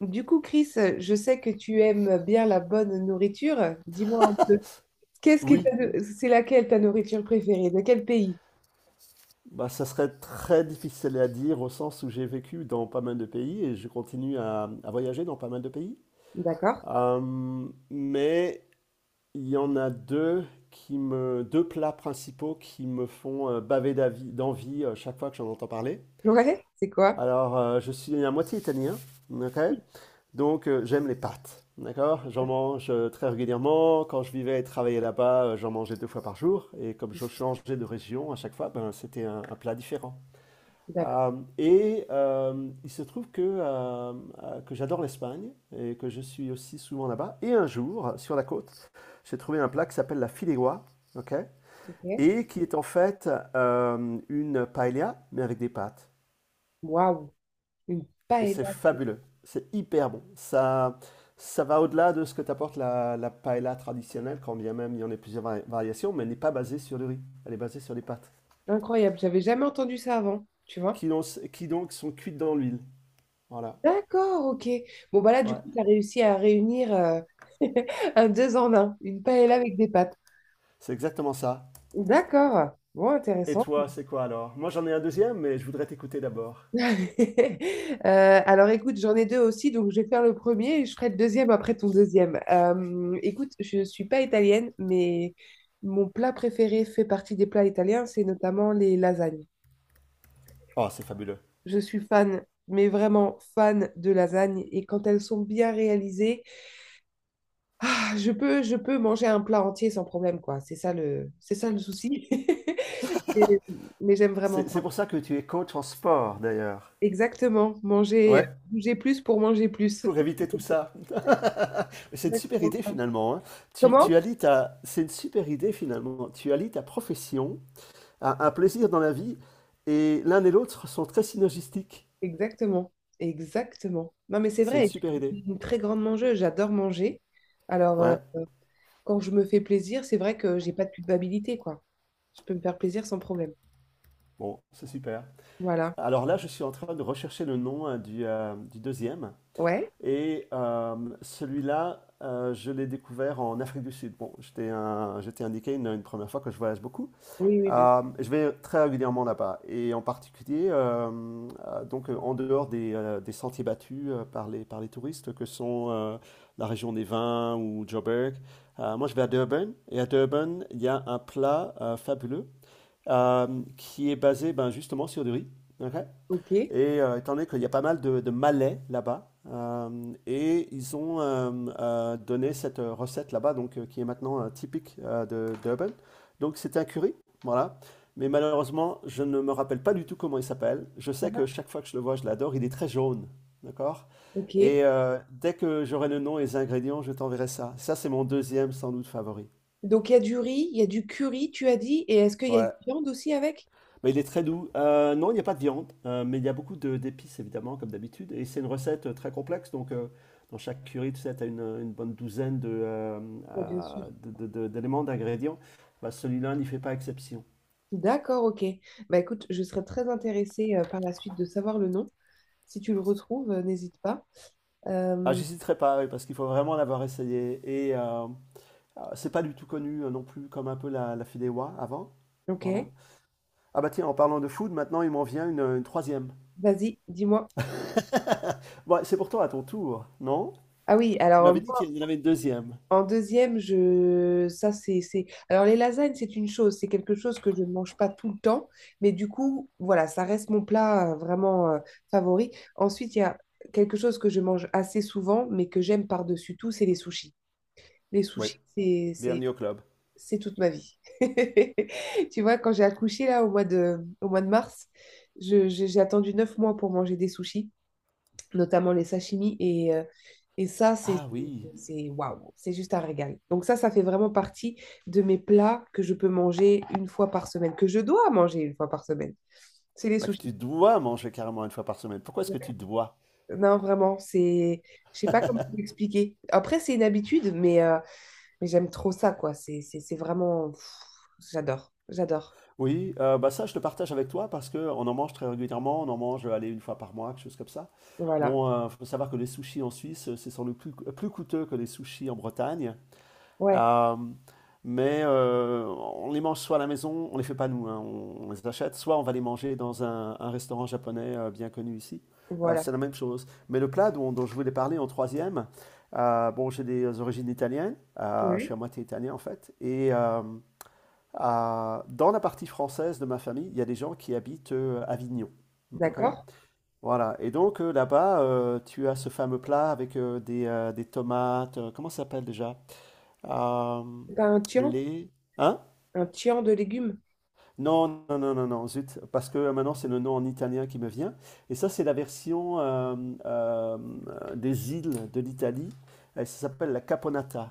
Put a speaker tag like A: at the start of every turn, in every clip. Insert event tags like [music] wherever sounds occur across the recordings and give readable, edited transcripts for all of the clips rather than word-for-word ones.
A: Du coup, Chris, je sais que tu aimes bien la bonne nourriture. Dis-moi un peu, qu'est-ce que
B: Oui,
A: t'as de- c'est laquelle ta nourriture préférée? De quel pays?
B: bah, ça serait très difficile à dire au sens où j'ai vécu dans pas mal de pays et je continue à voyager dans pas mal de pays.
A: D'accord.
B: Euh, mais il y en a deux deux plats principaux qui me font baver d'envie chaque fois que j'en entends parler.
A: Ouais, c'est quoi?
B: Alors, je suis à moitié italien, ok? Donc, j'aime les pâtes, d'accord? J'en mange très régulièrement. Quand je vivais et travaillais là-bas, j'en mangeais deux fois par jour. Et comme je changeais de région à chaque fois, ben, c'était un plat différent.
A: D'accord.
B: Euh, il se trouve que j'adore l'Espagne et que je suis aussi souvent là-bas. Et un jour, sur la côte, j'ai trouvé un plat qui s'appelle la fideuà, ok?
A: Ok.
B: Et qui est en fait une paella, mais avec des pâtes.
A: Waouh, une
B: Et c'est
A: paella
B: fabuleux, c'est hyper bon. Ça va au-delà de ce que t'apporte la paella traditionnelle, quand bien même il y en a plusieurs variations, mais elle n'est pas basée sur le riz, elle est basée sur les pâtes,
A: incroyable. J'avais jamais entendu ça avant, tu vois?
B: qui, donc- qui donc sont cuites dans l'huile. Voilà,
A: D'accord, ok. Bon, bah là, du
B: ouais,
A: coup, tu as réussi à réunir [laughs] un deux en un, une paella avec des pâtes.
B: c'est exactement ça.
A: D'accord. Bon,
B: Et
A: intéressant.
B: toi, c'est quoi alors? Moi, j'en ai un deuxième, mais je voudrais t'écouter d'abord.
A: [laughs] Alors écoute, j'en ai deux aussi, donc je vais faire le premier et je ferai le deuxième après ton deuxième. Écoute, je ne suis pas italienne, mais mon plat préféré fait partie des plats italiens, c'est notamment les lasagnes.
B: Oh, c'est fabuleux.
A: Je suis fan, mais vraiment fan de lasagnes et quand elles sont bien réalisées, ah, je peux manger un plat entier sans problème, quoi. C'est ça le souci. [laughs] Mais, mais j'aime vraiment
B: C'est
A: ça.
B: pour ça que tu es coach en sport, d'ailleurs.
A: Exactement, manger,
B: Ouais.
A: bouger plus pour manger plus.
B: Pour éviter tout ça.
A: [laughs]
B: C'est une super
A: Exactement.
B: idée, finalement, hein. Tu
A: Comment?
B: allies ta... C'est une super idée, finalement. Tu allies ta profession à un plaisir dans la vie, et l'un et l'autre sont très synergistiques.
A: Exactement, exactement. Non, mais c'est
B: C'est une
A: vrai, et puis,
B: super
A: je
B: idée.
A: suis une très grande mangeuse, j'adore manger. Alors,
B: Ouais.
A: quand je me fais plaisir, c'est vrai que j'ai pas de culpabilité, quoi. Je peux me faire plaisir sans problème.
B: Bon, c'est super.
A: Voilà.
B: Alors là, je suis en train de rechercher le nom, hein, du deuxième.
A: Ouais.
B: Et euh, celui-là, je l'ai découvert en Afrique du Sud. Bon, je t'ai indiqué une première fois que je voyage beaucoup.
A: Oui, oui, bien.
B: Je vais très régulièrement là-bas. Et en particulier, en dehors des sentiers battus par par les touristes que sont la région des vins ou Joburg, moi je vais à Durban. Et à Durban, il y a un plat fabuleux qui est basé, ben, justement sur du riz. Ok.
A: Ok,
B: Et étant donné qu'il y a pas mal de Malais là-bas, et ils ont donné cette recette là-bas, donc qui est maintenant typique de d'Urban. Donc c'était un curry, voilà. Mais malheureusement, je ne me rappelle pas du tout comment il s'appelle. Je sais que chaque fois que je le vois, je l'adore. Il est très jaune, d'accord?
A: ok.
B: Dès que j'aurai le nom et les ingrédients, je t'enverrai ça. Ça, c'est mon deuxième sans doute favori.
A: Donc, il y a du riz, il y a du curry, tu as dit, et est-ce qu'il y a de
B: Ouais.
A: la viande aussi avec?
B: Mais il est très doux. Non, il n'y a pas de viande, mais il y a beaucoup d'épices, évidemment, comme d'habitude. Et c'est une recette très complexe. Donc, dans chaque curry, tu sais, tu as une bonne douzaine
A: Ouais, bien sûr.
B: d'éléments, d'ingrédients. Bah, celui-là n'y fait pas exception.
A: D'accord, ok. Bah écoute, je serais très intéressée par la suite de savoir le nom. Si tu le retrouves, n'hésite pas.
B: Ah,
A: Euh,
B: j'hésiterai pas, oui, parce qu'il faut vraiment l'avoir essayé. Et euh, c'est pas du tout connu non plus, comme un peu la fideuà avant.
A: ok,
B: Voilà. Ah bah tiens, en parlant de food, maintenant il m'en vient une troisième.
A: vas-y, dis-moi.
B: Bon, c'est pourtant à ton tour, non?
A: Ah oui,
B: Tu
A: alors.
B: m'avais dit qu'il y en avait une deuxième.
A: En deuxième, je... ça c'est... Alors les lasagnes, c'est une chose, c'est quelque chose que je ne mange pas tout le temps, mais du coup, voilà, ça reste mon plat vraiment favori. Ensuite, il y a quelque chose que je mange assez souvent, mais que j'aime par-dessus tout, c'est les sushis. Les
B: Oui,
A: sushis, c'est, c'est,
B: bienvenue au club.
A: c'est toute ma vie. [laughs] Tu vois, quand j'ai accouché là au mois de mars, j'ai attendu 9 mois pour manger des sushis, notamment les sashimi. Et ça,
B: Ah oui,
A: waouh, c'est juste un régal. Donc ça fait vraiment partie de mes plats que je peux manger une fois par semaine, que je dois manger une fois par semaine. C'est les
B: ah, que
A: sushis.
B: tu dois manger carrément une fois par semaine. Pourquoi est-ce que tu dois?
A: Non, vraiment, c'est... Je sais pas comment l'expliquer. Après, c'est une habitude, mais j'aime trop ça, quoi. C'est vraiment... j'adore, j'adore.
B: Oui, bah ça, je te partage avec toi parce que on en mange très régulièrement. On en mange, allez, une fois par mois, quelque chose comme ça.
A: Voilà.
B: Bon, il faut savoir que les sushis en Suisse, c'est sans doute plus coûteux que les sushis en Bretagne.
A: Ouais,
B: Euh, on les mange soit à la maison, on les fait pas nous, hein, on les achète, soit on va les manger dans un restaurant japonais bien connu ici.
A: voilà.
B: C'est la même chose. Mais le plat dont je voulais parler en troisième, bon, j'ai des origines italiennes, je suis
A: Oui.
B: à moitié italien en fait, dans la partie française de ma famille, il y a des gens qui habitent Avignon. Ok.
A: D'accord.
B: Voilà, et donc là-bas, tu as ce fameux plat avec des tomates, comment ça s'appelle déjà? Euh,
A: C'est pas un tian?
B: les... Hein?
A: Un tian de légumes?
B: Non, non, non, non, non, zut, parce que maintenant c'est le nom en italien qui me vient. Et ça, c'est la version euh, des îles de l'Italie. Et ça s'appelle la caponata,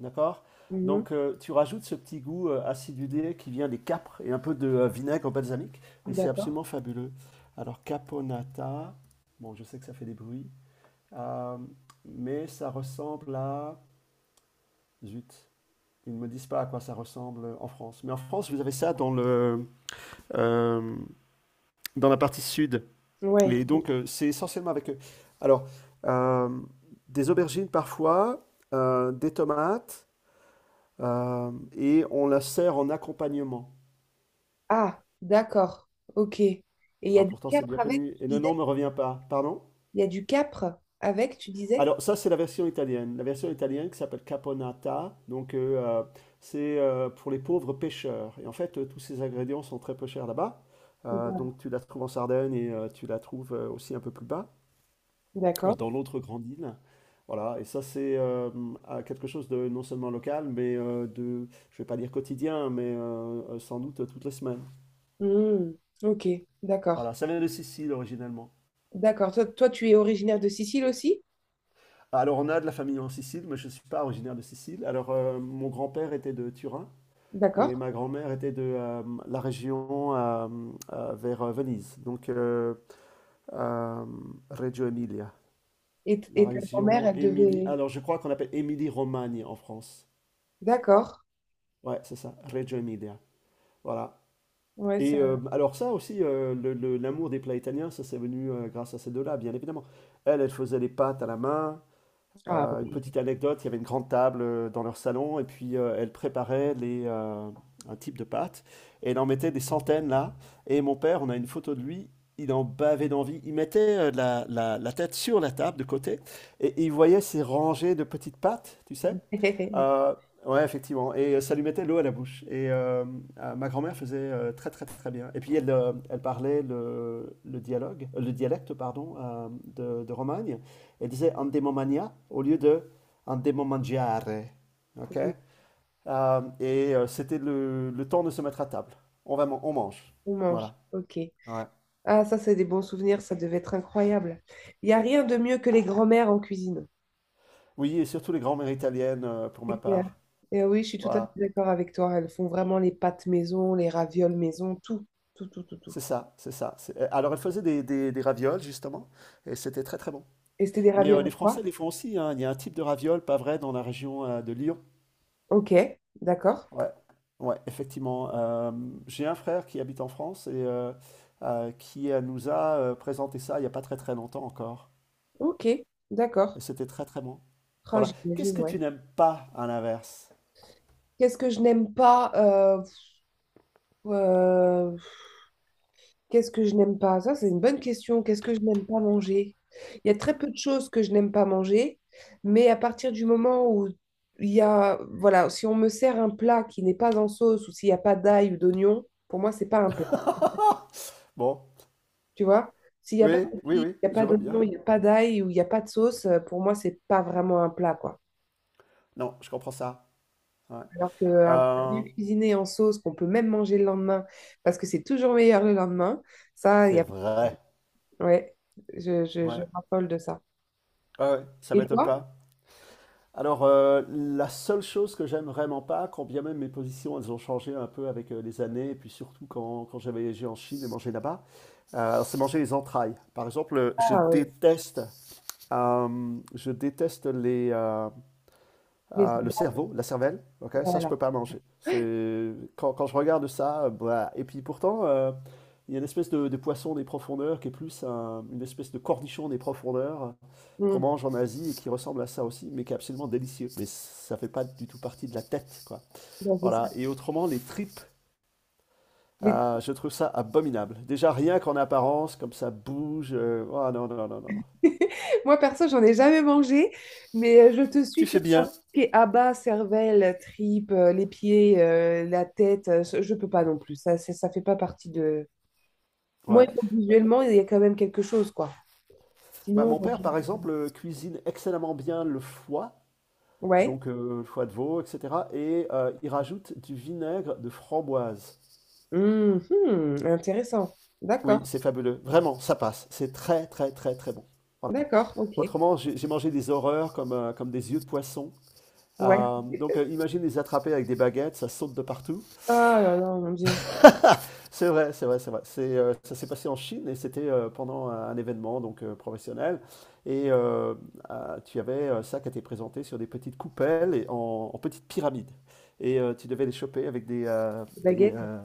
B: d'accord?
A: Mhm.
B: Donc tu rajoutes ce petit goût acidulé qui vient des capres et un peu de vinaigre balsamique, et c'est
A: D'accord.
B: absolument fabuleux. Alors caponata, bon, je sais que ça fait des bruits, euh, mais ça ressemble à... Zut. Ils ne me disent pas à quoi ça ressemble en France. Mais en France, vous avez ça dans le, euh, dans la partie sud.
A: Ouais.
B: Et donc, c'est essentiellement avec, eux. Alors, euh, des aubergines parfois, des tomates, et on la sert en accompagnement.
A: Ah, d'accord. Ok. Et il y
B: Ah,
A: a du
B: pourtant, c'est bien
A: capre avec,
B: connu.
A: tu
B: Et le nom
A: disais?
B: ne me revient pas. Pardon?
A: Il y a du capre avec, tu disais?
B: Alors, ça, c'est la version italienne. La version italienne qui s'appelle Caponata. Donc, c'est pour les pauvres pêcheurs. Et en fait, tous ces ingrédients sont très peu chers là-bas. Donc, tu la trouves en Sardaigne et tu la trouves aussi un peu plus bas,
A: D'accord.
B: dans l'autre grande île. Voilà. Et ça, c'est à quelque chose de non seulement local, mais je vais pas dire quotidien, mais sans doute toutes les semaines.
A: Hmm, ok,
B: Voilà.
A: d'accord.
B: Ça vient de Sicile originellement.
A: D'accord. Toi, toi, tu es originaire de Sicile aussi?
B: Alors, on a de la famille en Sicile, mais je ne suis pas originaire de Sicile. Alors, mon grand-père était de Turin. Et
A: D'accord.
B: ma grand-mère était de la région vers Venise, donc euh, Reggio Emilia.
A: Et,
B: La
A: et ta grand-mère,
B: région
A: elle
B: Émilie.
A: devait...
B: Alors, je crois qu'on appelle Émilie-Romagne en France.
A: D'accord.
B: Ouais, c'est ça, Reggio Emilia. Voilà.
A: Ouais, ça...
B: Alors, ça aussi, l'amour des plats italiens, ça c'est venu grâce à ces deux-là, bien évidemment. Elle, elle faisait les pâtes à la main.
A: Ah
B: Une
A: oui.
B: petite anecdote, il y avait une grande table dans leur salon et puis elle préparait les, un type de pâte et elle en mettait des centaines là. Et mon père, on a une photo de lui, il en bavait d'envie. Il mettait la tête sur la table de côté et il voyait ces rangées de petites pâtes, tu sais.
A: [laughs]
B: Euh, ouais, effectivement. Ça lui mettait l'eau à la bouche. Ma grand-mère faisait très très très bien. Et puis elle, elle parlait le dialogue, le dialecte, pardon, de Romagne et disait endemomania au lieu de endemomangiare. Ok. C'était le temps de se mettre à table. On va, on mange.
A: On mange.
B: Voilà.
A: Ok.
B: Ouais.
A: Ah, ça, c'est des bons souvenirs. Ça devait être incroyable. Il n'y a rien de mieux que les grand-mères en cuisine.
B: Oui, et surtout les grands-mères italiennes pour ma
A: C'est clair.
B: part.
A: Et oui, je suis tout à fait
B: Voilà.
A: d'accord avec toi. Elles font vraiment les pâtes maison, les ravioles maison, tout, tout, tout, tout, tout.
B: C'est ça, c'est ça. Alors, elle faisait des ravioles, justement, et c'était très très bon.
A: Et c'était des
B: Mais
A: ravioles à
B: les
A: quoi?
B: Français les font aussi, hein. Il y a un type de ravioles, pas vrai, dans la région de Lyon.
A: Ok, d'accord.
B: Ouais, ouais, effectivement. J'ai un frère qui habite en France et qui nous a présenté ça il n'y a pas très très longtemps encore.
A: Ok,
B: Et
A: d'accord.
B: c'était très très bon.
A: Ah,
B: Voilà. Qu'est-ce
A: j'imagine,
B: que
A: ouais.
B: tu n'aimes pas à l'inverse?
A: Qu'est-ce que je n'aime pas euh, qu'est-ce que je n'aime pas? Ça, c'est une bonne question. Qu'est-ce que je n'aime pas manger? Il y a très peu de choses que je n'aime pas manger, mais à partir du moment où il y a, voilà, si on me sert un plat qui n'est pas en sauce ou s'il n'y a pas d'ail ou d'oignon, pour moi, c'est pas un plat.
B: [laughs] Bon,
A: Tu vois? S'il n'y a pas
B: oui, oui,
A: d'épices,
B: oui,
A: il n'y a
B: je
A: pas
B: vois
A: d'oignon,
B: bien.
A: il n'y a pas d'ail ou il n'y a pas de sauce, pour moi, c'est pas vraiment un plat, quoi.
B: Non, je comprends ça. Ouais.
A: Alors qu'un plat
B: Euh,
A: bien cuisiné en sauce qu'on peut même manger le lendemain parce que c'est toujours meilleur le lendemain, ça, il y
B: c'est
A: a...
B: vrai.
A: Ouais, je
B: Ouais.
A: m'affole de ça.
B: Ouais, ouais, ça
A: Et
B: m'étonne
A: toi?
B: pas. Alors, la seule chose que j'aime vraiment pas, quand bien même mes positions, elles ont changé un peu avec les années, et puis surtout quand j'ai voyagé en Chine et mangé là-bas, c'est manger les entrailles. Par exemple, je
A: Ah oui,
B: déteste, euh, je déteste les, euh,
A: les...
B: le cerveau, la cervelle. Ok, ça, je
A: Voilà.
B: peux pas manger. C'est quand je regarde ça, bah, et puis pourtant, il y a une espèce de poisson des profondeurs qui est plus une espèce de cornichon des profondeurs qu'on
A: Mm.
B: mange en Asie et qui ressemble à ça aussi, mais qui est absolument délicieux. Mais ça fait pas du tout partie de la tête, quoi.
A: Bon, c'est ça.
B: Voilà. Et autrement, les tripes,
A: Les-
B: ah, je trouve ça abominable. Déjà, rien qu'en apparence, comme ça bouge. Euh, ah non, non, non, non, non.
A: [laughs] Moi, perso, j'en ai jamais mangé, mais je te
B: Tu
A: suis sur
B: fais
A: ça.
B: bien.
A: Tout ce qui est abats, cervelle, tripes, les pieds, la tête, je peux pas non plus. Ça fait pas partie de. Moi,
B: Ouais.
A: il faut que
B: Bah,
A: visuellement, il y a quand même quelque chose, quoi.
B: bah,
A: Sinon,
B: mon père, par exemple, cuisine excellemment bien le foie,
A: ouais.
B: donc le foie de veau, etc. Il rajoute du vinaigre de framboise.
A: Mhm, intéressant.
B: Oui,
A: D'accord,
B: c'est fabuleux. Vraiment, ça passe. C'est très, très, très, très bon. Voilà.
A: d'accord, ok.
B: Autrement, j'ai mangé des horreurs comme, comme des yeux de poisson.
A: Ouais.
B: Donc, imagine les attraper avec des baguettes, ça saute de partout.
A: Ah là là, mon Dieu.
B: C'est vrai, c'est vrai, c'est vrai. C'est, ça s'est passé en Chine et c'était pendant un événement donc professionnel. Et euh, tu avais ça qui était présenté sur des petites coupelles en petites pyramides. Tu devais les choper avec
A: Baguette.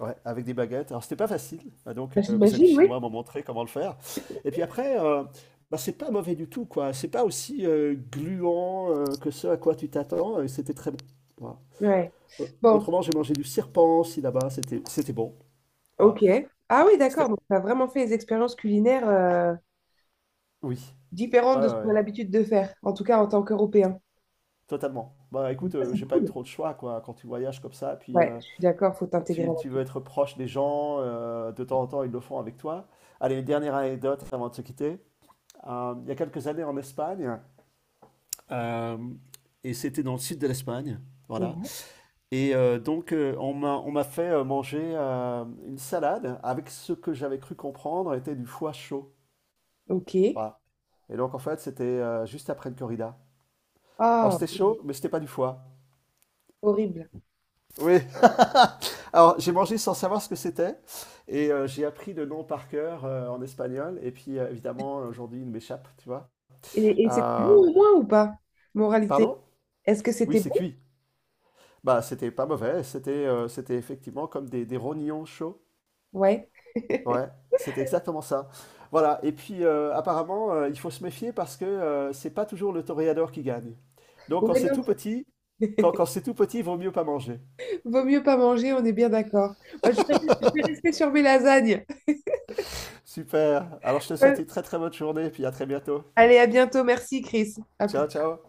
B: ouais, avec des baguettes. Alors c'était pas facile. Ah, donc
A: Bah,
B: mes amis
A: j'imagine, oui.
B: chinois m'ont montré comment le faire. Et puis après, bah, c'est pas mauvais du tout, quoi. C'est pas aussi gluant que ce à quoi tu t'attends. Et c'était très bon. Voilà.
A: Ouais. Bon,
B: Autrement, j'ai mangé du serpent aussi là-bas. C'était bon. Ouais.
A: ok. Ah oui, d'accord.
B: C'était
A: Donc, tu as vraiment fait des expériences culinaires
B: oui,
A: différentes
B: ouais, ouais,
A: de ce qu'on
B: ouais,
A: a l'habitude de faire, en tout cas en tant qu'Européen.
B: totalement. Bah
A: Donc
B: écoute,
A: ça, c'est
B: j'ai pas eu
A: cool.
B: trop de choix, quoi. Quand tu voyages comme ça, puis,
A: Ouais, je suis d'accord, faut t'intégrer à la
B: tu veux
A: culture.
B: être proche des gens, de temps en temps, ils le font avec toi. Allez, une dernière anecdote avant de se quitter. Il y a quelques années en Espagne, hem et c'était dans le sud de l'Espagne, voilà,
A: Ouais.
B: on m'a fait, manger, une salade avec ce que j'avais cru comprendre était du foie chaud,
A: Ok.
B: voilà, et donc en fait, c'était, juste après une corrida. Alors
A: Ah,
B: c'était chaud, mais c'était pas du foie.
A: horrible.
B: Oui. [laughs] Alors, j'ai mangé sans savoir ce que c'était et j'ai appris le nom par cœur en espagnol. Et puis, évidemment, aujourd'hui, il m'échappe, tu vois.
A: Et c'était bon
B: Euh,
A: au moins ou pas? Moralité.
B: pardon?
A: Est-ce que
B: Oui,
A: c'était
B: c'est
A: bon?
B: cuit. Bah, c'était pas mauvais. C'était c'était effectivement comme des rognons chauds.
A: Ouais. [laughs]
B: Ouais, c'était exactement ça. Voilà. Et puis, apparemment, il faut se méfier parce que c'est pas toujours le toréador qui gagne. Donc, quand
A: Ouais,
B: c'est
A: non.
B: tout petit, quand c'est tout petit, il vaut mieux pas manger.
A: Vaut mieux pas manger, on est bien d'accord. Moi, je vais rester sur mes lasagnes.
B: Super. Alors, je te souhaite une
A: [laughs]
B: très très bonne journée et puis à très bientôt.
A: Allez, à bientôt. Merci, Chris. À plus.
B: Ciao, ciao.